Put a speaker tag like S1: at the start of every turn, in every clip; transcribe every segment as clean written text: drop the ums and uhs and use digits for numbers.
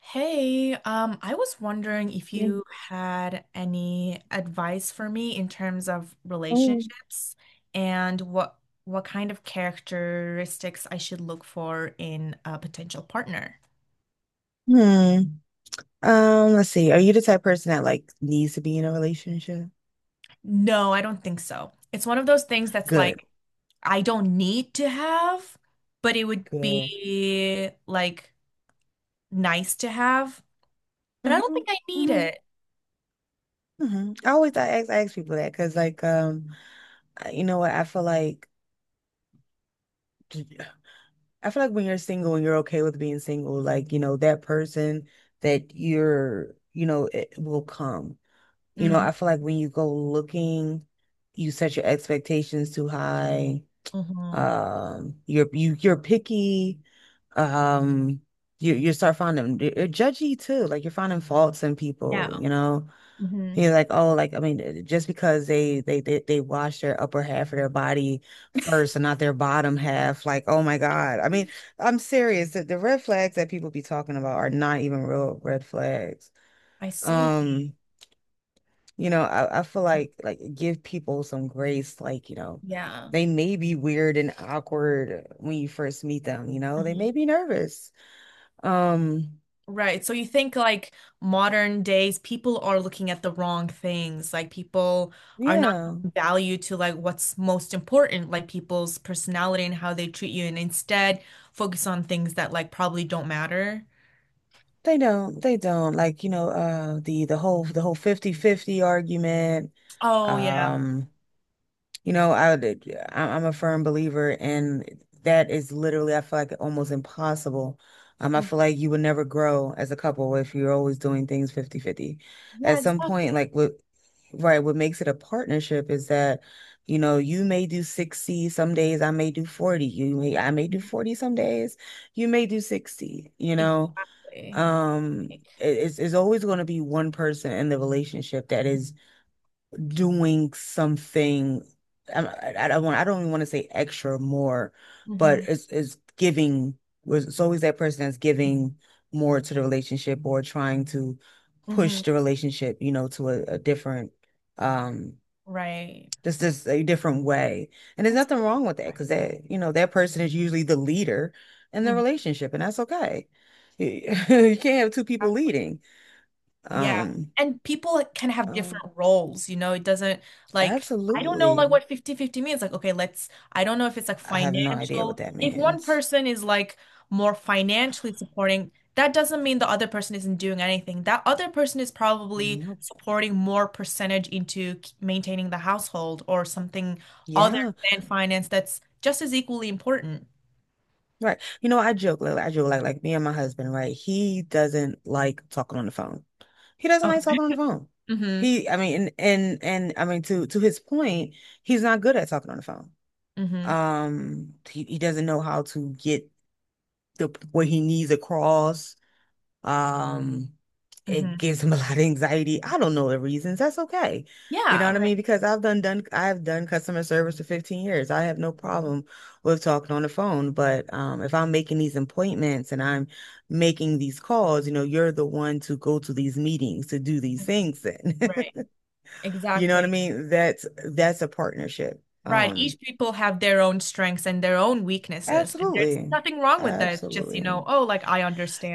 S1: Hey, I was wondering if
S2: Like,
S1: you had any advice for me in terms of
S2: oh.
S1: relationships and what kind of characteristics I should look for in a potential partner.
S2: Hmm. Let's see. Are you the type of person that like needs to be in a relationship?
S1: No, I don't think so. It's one of those things that's
S2: Good.
S1: like I don't need to have, but it would
S2: Good.
S1: be like nice to have, but I don't
S2: Mm-hmm.
S1: think I need
S2: Mm-hmm.
S1: it.
S2: Mm-hmm. I always I ask people that because like I- you know what I feel like when you're single and you're okay with being single like you know that person that you're you know it will come, you know.
S1: Hmm.
S2: I feel like when you go looking you set your expectations too high.
S1: Hmm.
S2: You're picky. Um, you start finding you're judgy too. Like you're finding faults in
S1: Yeah.
S2: people, you know.
S1: Hmm.
S2: You're like, oh, like I mean, just because they wash their upper half of their body first and not their bottom half, like, oh my God. I mean, I'm serious. The red flags that people be talking about are not even real red flags.
S1: I see.
S2: Um, you know, I feel like give people some grace, like, you know,
S1: Yeah.
S2: they may be weird and awkward when you first meet them, you know, they may
S1: Hmm.
S2: be nervous. Um,
S1: Right. So you think like modern days, people are looking at the wrong things. Like people are not
S2: yeah,
S1: giving value to like what's most important, like people's personality and how they treat you, and instead focus on things that like probably don't matter.
S2: they don't like, you know, the whole the whole 50 50 argument.
S1: Oh yeah.
S2: Um You know, I'm a firm believer, and that is literally, I feel like almost impossible. I
S1: Mm.
S2: feel like you would never grow as a couple if you're always doing things 50-50. At
S1: Yeah,
S2: some point,
S1: exactly.
S2: like what, right, what makes it a partnership is that, you know, you may do 60 some days, I may do 40. I may do
S1: Mhm.
S2: 40 some days, you may do 60, you know.
S1: Exactly.
S2: It's always going to be one person in the relationship that is doing something. I don't even want to say extra or more, but
S1: Mm-hmm.
S2: it's giving, it's always that person that's giving more to the relationship or trying to
S1: Mm-hmm.
S2: push the relationship, you know, to a different um
S1: Right.
S2: just this a different way. And there's
S1: That's a
S2: nothing wrong
S1: good
S2: with that because
S1: point.
S2: that, you know, that person is usually the leader in the
S1: Mhm.
S2: relationship and that's okay. You can't have two people
S1: Exactly.
S2: leading.
S1: Yeah.
S2: Um,
S1: And people can have
S2: um
S1: different roles, you know, it doesn't. Like, I don't know like
S2: absolutely.
S1: what 50-50 means. Like, okay, let's I don't know if it's like
S2: I have no idea what
S1: financial.
S2: that
S1: If one
S2: means.
S1: person is like more financially supporting, that doesn't mean the other person isn't doing anything. That other person is probably
S2: Nope.
S1: supporting more percentage into maintaining the household or something other
S2: Yeah,
S1: than finance that's just as equally important.
S2: right. You know, I joke, like me and my husband, right? He doesn't like talking on the phone. He doesn't
S1: Oh.
S2: like talking on the phone.
S1: Mm-hmm.
S2: He, I mean, and I mean to his point, he's not good at talking on the phone.
S1: Mm-hmm.
S2: He doesn't know how to get the what he needs across. Um, it
S1: Mm-hmm.
S2: gives them a lot of anxiety. I don't know the reasons. That's okay. You know
S1: Yeah,
S2: what I
S1: right.
S2: mean? Because I've done customer service for 15 years. I have no problem with talking on the phone. But if I'm making these appointments and I'm making these calls, you know, you're the one to go to these meetings to do these things then.
S1: Right.
S2: You know what I
S1: Exactly.
S2: mean? That's a partnership.
S1: Right. Each people have their own strengths and their own weaknesses. And there's
S2: Absolutely.
S1: nothing wrong with that. It's just, you
S2: Absolutely.
S1: know, oh, like I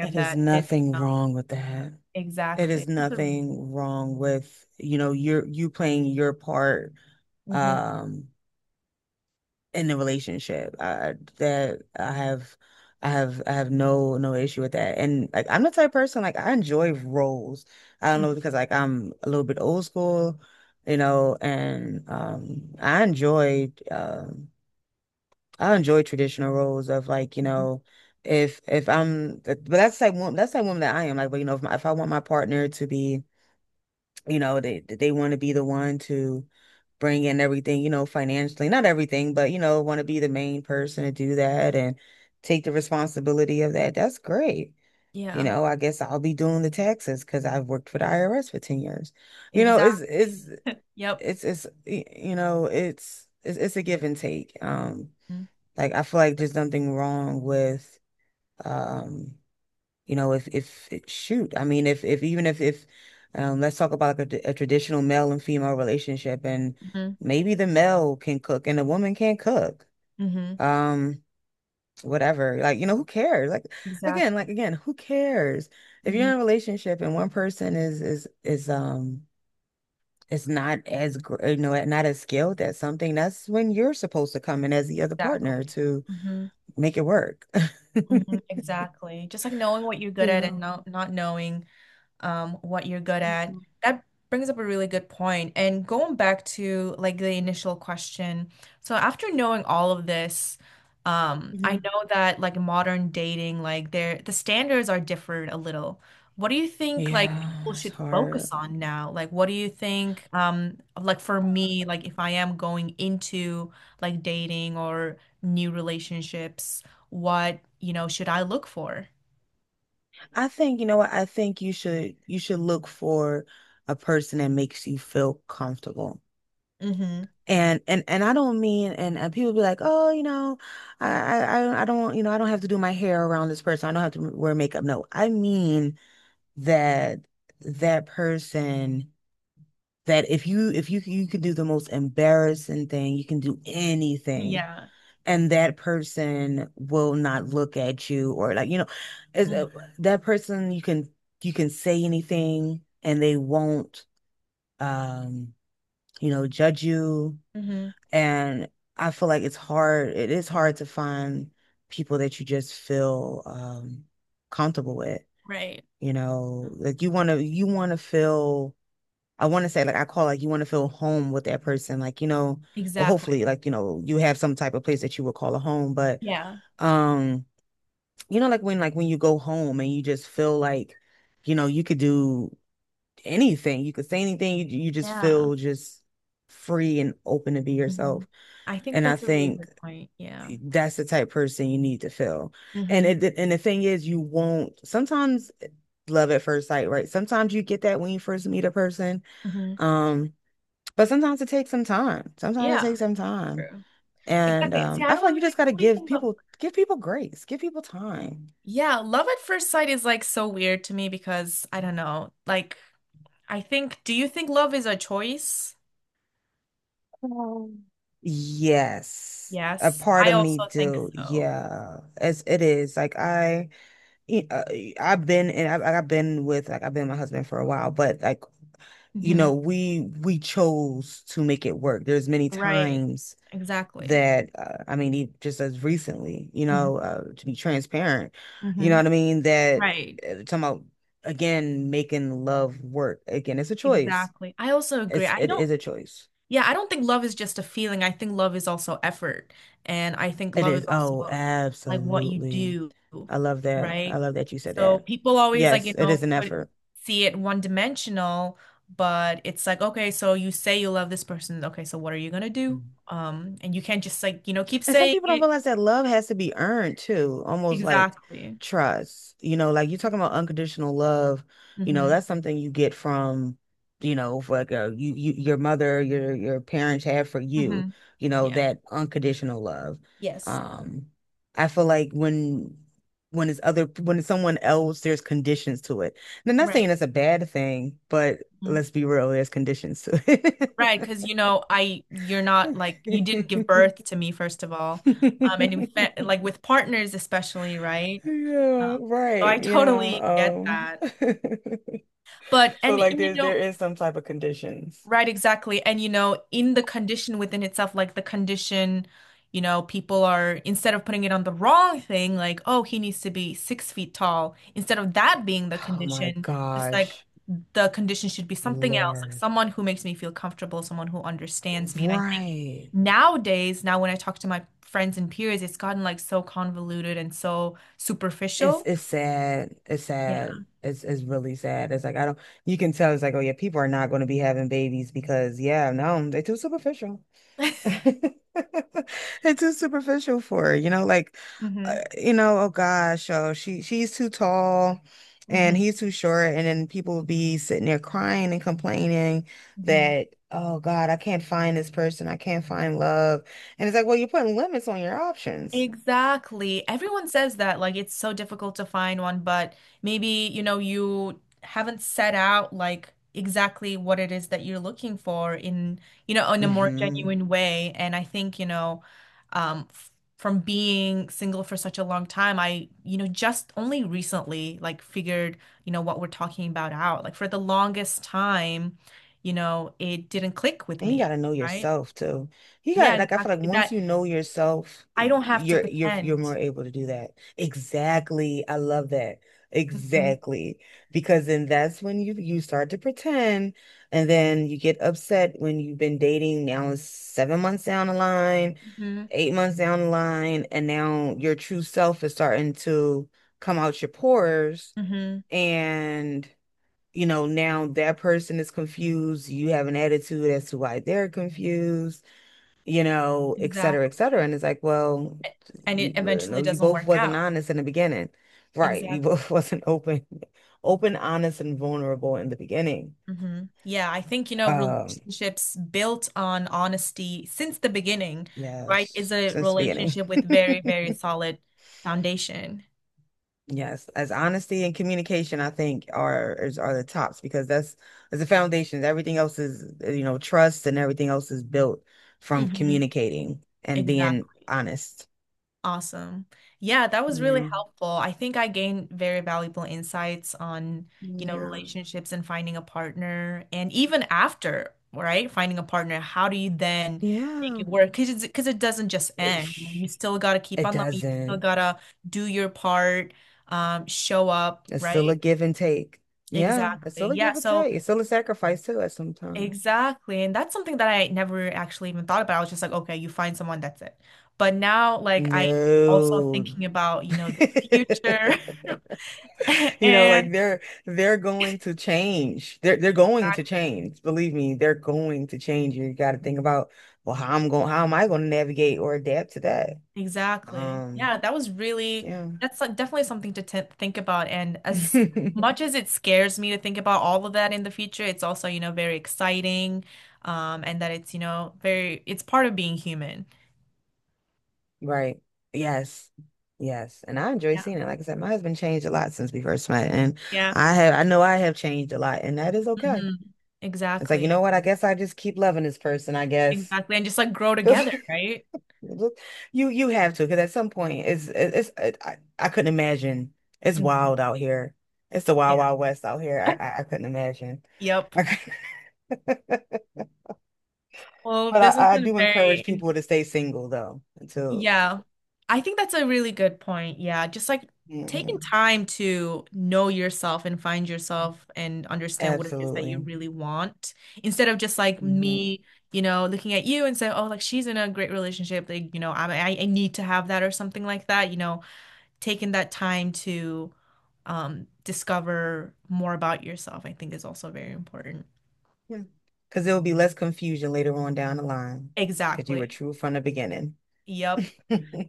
S2: It is
S1: that this, you
S2: nothing
S1: know,
S2: wrong with that. It is
S1: exactly. Totally.
S2: nothing wrong with, you know, you're you playing your part
S1: Mhm.
S2: um in the relationship. I, that I have I have I have no no issue with that, and like I'm the type of person, like I enjoy roles. I don't know because like I'm a little bit old school, you know, and I enjoy traditional roles of like, you
S1: Mhm.
S2: know, if I'm but that's like one, that's like woman that I am, like, but you know, if I want my partner to be, you know, they want to be the one to bring in everything, you know, financially, not everything, but you know, want to be the main person to do that and take the responsibility of that, that's great. You
S1: Yeah.
S2: know, I guess I'll be doing the taxes because I've worked for the IRS for 10 years. You know,
S1: Exactly. Yep.
S2: you know, it's a give and take. Like I feel like there's nothing wrong with um you know, if shoot, I mean, if even if let's talk about like a traditional male and female relationship, and
S1: Mm-hmm.
S2: maybe the male can cook and the woman can't cook.
S1: Hmm.
S2: Um, whatever. Like, you know, who cares? Like
S1: Exactly.
S2: again, who cares? If you're
S1: Hmm.
S2: in a relationship and one person is is not as you know not as skilled at something, that's when you're supposed to come in as the other
S1: Exactly.
S2: partner to
S1: Hmm.
S2: make it work.
S1: Hmm. Exactly. Just like knowing what you're good
S2: You
S1: at and
S2: know.
S1: not knowing what you're good at. That brings up a really good point. And going back to like the initial question, so after knowing all of this, I
S2: Mhm.
S1: know that like modern dating, like the standards are different a little. What do you think like
S2: Yeah,
S1: people
S2: it's
S1: should focus
S2: hard.
S1: on now? Like what do you think like for me, like if I am going into like dating or new relationships, what, you know, should I look for?
S2: I think, you know what? I think you should look for a person that makes you feel comfortable.
S1: Mm-hmm.
S2: And I don't mean, and people be like, oh, you know, I don't, you know, I don't have to do my hair around this person. I don't have to wear makeup. No, I mean that that person that if you you could do the most embarrassing thing, you can do anything
S1: Yeah.
S2: and that person will not look at you or like, you know, is that person you can say anything and they won't um you know judge you,
S1: Mm-hmm.
S2: and I feel like it's hard, it is hard to find people that you just feel comfortable with,
S1: Right.
S2: you know, like you want to feel, I want to say like I call, like you want to feel home with that person, like you know, well
S1: Exactly.
S2: hopefully like you know you have some type of place that you would call a home, but
S1: Yeah.
S2: um you know, like when you go home and you just feel like, you know, you could do anything, you could say anything, you just
S1: Yeah.
S2: feel just free and open to be
S1: Hmm.
S2: yourself.
S1: I think
S2: And I
S1: that's a really
S2: think
S1: good point. Yeah.
S2: that's the type of person you need to feel. And
S1: Hmm.
S2: it and the thing is, you won't sometimes. Love at first sight, right? Sometimes you get that when you first meet a person.
S1: Hmm.
S2: Um, but sometimes it takes some time. Sometimes it
S1: Yeah.
S2: takes some time.
S1: True.
S2: And
S1: Exactly. See, I
S2: I
S1: don't
S2: feel like you
S1: really
S2: just gotta
S1: believe in the—
S2: give people grace, give people time.
S1: Yeah, love at first sight is like so weird to me because I don't know. Like, I think, do you think love is a choice?
S2: Oh. Yes, a
S1: Yes,
S2: part
S1: I
S2: of me
S1: also think
S2: do.
S1: so.
S2: Yeah, as it is. Y- uh, I've been, and I've been with, like I've been with my husband for a while, but like, you know,
S1: Hmm.
S2: we chose to make it work. There's many
S1: Right.
S2: times
S1: Exactly.
S2: that I mean, just as recently, you
S1: Hmm.
S2: know, to be transparent, you know
S1: Hmm.
S2: what I mean. That
S1: Right.
S2: talking about again making love work again. It's a choice.
S1: Exactly. I also agree.
S2: It's
S1: I
S2: it
S1: don't.
S2: is a choice.
S1: Yeah, I don't think love is just a feeling. I think love is also effort. And I think
S2: It
S1: love
S2: is.
S1: is
S2: Oh,
S1: also like what you
S2: absolutely.
S1: do,
S2: I love that. I
S1: right?
S2: love that you said
S1: So
S2: that.
S1: people always like,
S2: Yes,
S1: you
S2: it is
S1: know,
S2: an
S1: put
S2: effort.
S1: see it one dimensional, but it's like, okay, so you say you love this person. Okay, so what are you gonna do? And you can't just like, you know, keep
S2: And some
S1: saying
S2: people don't
S1: it.
S2: realize that love has to be earned too, almost like
S1: Exactly.
S2: trust. You know, like you're talking about unconditional love, you know,
S1: Mm-hmm.
S2: that's something you get from, you know, for like a, you your mother, your parents have for you,
S1: Mm-hmm.
S2: you know,
S1: Yeah.
S2: that unconditional love.
S1: Yes.
S2: Um, I feel like when it's other when it's someone else, there's conditions to it. And I'm not saying
S1: Right.
S2: that's a bad thing, but let's be real, there's conditions to
S1: Right, because you know, I you're not like you didn't give
S2: it.
S1: birth to me first of all, and with like with partners especially, right?
S2: Yeah,
S1: Um, so
S2: right.
S1: I
S2: You
S1: totally get
S2: know,
S1: that. But
S2: so
S1: and,
S2: like
S1: and you
S2: there
S1: know,
S2: is some type of conditions.
S1: right, exactly, and you know, in the condition within itself, like the condition, you know, people are instead of putting it on the wrong thing, like oh, he needs to be 6 feet tall, instead of that being the
S2: Oh my
S1: condition, just like
S2: gosh,
S1: the condition should be something else, like
S2: Lord.
S1: someone who makes me feel comfortable, someone who understands me. And I think
S2: Right.
S1: nowadays, now when I talk to my friends and peers, it's gotten like so convoluted and so superficial.
S2: It's sad. It's sad.
S1: Yeah.
S2: It's really sad. It's like I don't, you can tell, it's like, oh yeah, people are not gonna be having babies because yeah, no, they're too superficial. It's too superficial for her, you know, like,
S1: Hmm.
S2: you know, oh gosh, oh she she's too tall, and
S1: Hmm.
S2: he's too short, and then people will be sitting there crying and complaining
S1: Hmm.
S2: that oh God, I can't find this person, I can't find love, and it's like, well, you're putting limits on your options.
S1: Exactly. Everyone says that, like, it's so difficult to find one, but maybe, you know, you haven't set out like exactly what it is that you're looking for in, you know, in a more genuine way. And I think, you know, f from being single for such a long time, I, just only recently like figured, you know, what we're talking about out. Like for the longest time, you know, it didn't click with
S2: And you
S1: me,
S2: gotta know
S1: right?
S2: yourself too. You gotta
S1: Yeah,
S2: like, I feel like
S1: exactly.
S2: once
S1: That
S2: you know yourself,
S1: I don't have to
S2: you're
S1: pretend.
S2: more able to do that. Exactly. I love that.
S1: Mhm.
S2: Exactly. Because then that's when you start to pretend, and then you get upset when you've been dating now it's 7 months down the line,
S1: Hmm.
S2: 8 months down the line, and now your true self is starting to come out your pores,
S1: Hmm.
S2: and you know, now that person is confused. You have an attitude as to why they're confused, you know, et cetera, et cetera.
S1: Exactly.
S2: And it's like, well,
S1: A- And it
S2: you know,
S1: eventually
S2: you
S1: doesn't
S2: both
S1: work
S2: wasn't
S1: out.
S2: honest in the beginning. Right. You
S1: Exactly.
S2: both wasn't open, open, honest, and vulnerable in the beginning.
S1: Hmm. Yeah, I think, you know,
S2: Um,
S1: relationships built on honesty since the beginning, right, is
S2: yes,
S1: a
S2: since the beginning.
S1: relationship with very, very solid foundation.
S2: Yes, as honesty and communication, I think are the tops because that's as the foundations. Everything else is, you know, trust and everything else is built from
S1: Hmm.
S2: communicating and being
S1: Exactly.
S2: honest.
S1: Awesome. Yeah, that was really
S2: Yeah.
S1: helpful. I think I gained very valuable insights on, you know,
S2: Yeah.
S1: relationships and finding a partner. And even after, right, finding a partner, how do you then make
S2: Yeah,
S1: it work? Because because it doesn't just end. You know, you
S2: Ish.
S1: still got to keep
S2: It
S1: on loving, you still
S2: doesn't.
S1: got to do your part, show up,
S2: It's still a
S1: right?
S2: give and take. Yeah, it's still
S1: Exactly.
S2: a
S1: Yeah.
S2: give and take. It's still a sacrifice too at sometimes.
S1: Exactly. And that's something that I never actually even thought about. I was just like, okay, you find someone, that's it. But now, like, I'm also
S2: No.
S1: thinking about, you know, the future.
S2: You know, like
S1: And
S2: they're going to change. They're going
S1: that,
S2: to change. Believe me, they're going to change. You got to think about, well, how am I going to navigate or adapt to that?
S1: exactly.
S2: Um,
S1: Yeah,
S2: yeah.
S1: that's like, definitely something to t think about. And as much as it scares me to think about all of that in the future, it's also, you know, very exciting. And that it's, you know, it's part of being human.
S2: Right. Yes. Yes. And I enjoy
S1: Yeah.
S2: seeing it. Like I said, my husband changed a lot since we first met. And
S1: Yeah.
S2: I know I have changed a lot, and that is okay.
S1: Hmm.
S2: It's like, you
S1: Exactly.
S2: know what? I guess I just keep loving this person, I guess.
S1: Exactly. And just like grow together, right?
S2: Look, you have to because at some point I couldn't imagine, it's
S1: Mhm.
S2: wild out here. It's the
S1: Yeah.
S2: wild wild west out here. I couldn't imagine.
S1: Yep.
S2: I could
S1: Well,
S2: But
S1: this has
S2: I
S1: been
S2: do
S1: very,
S2: encourage people to stay single though until,
S1: yeah. I think that's a really good point. Yeah. Just like taking
S2: hmm.
S1: time to know yourself and find yourself and understand what it is that you
S2: Absolutely.
S1: really want instead of just like
S2: Hmm.
S1: me, you know, looking at you and say, oh, like she's in a great relationship. Like, you know, I need to have that or something like that. You know, taking that time to discover more about yourself, I think is also very important.
S2: Yeah. Because there will be less confusion later on down the line because you were
S1: Exactly.
S2: true from the beginning.
S1: Yep.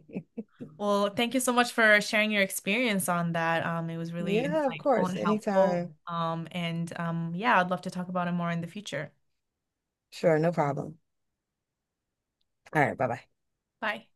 S1: Well, thank you so much for sharing your experience on that. It was really
S2: Yeah, of
S1: insightful
S2: course.
S1: and helpful.
S2: Anytime.
S1: And yeah, I'd love to talk about it more in the future.
S2: Sure, no problem. All right, bye bye.
S1: Bye.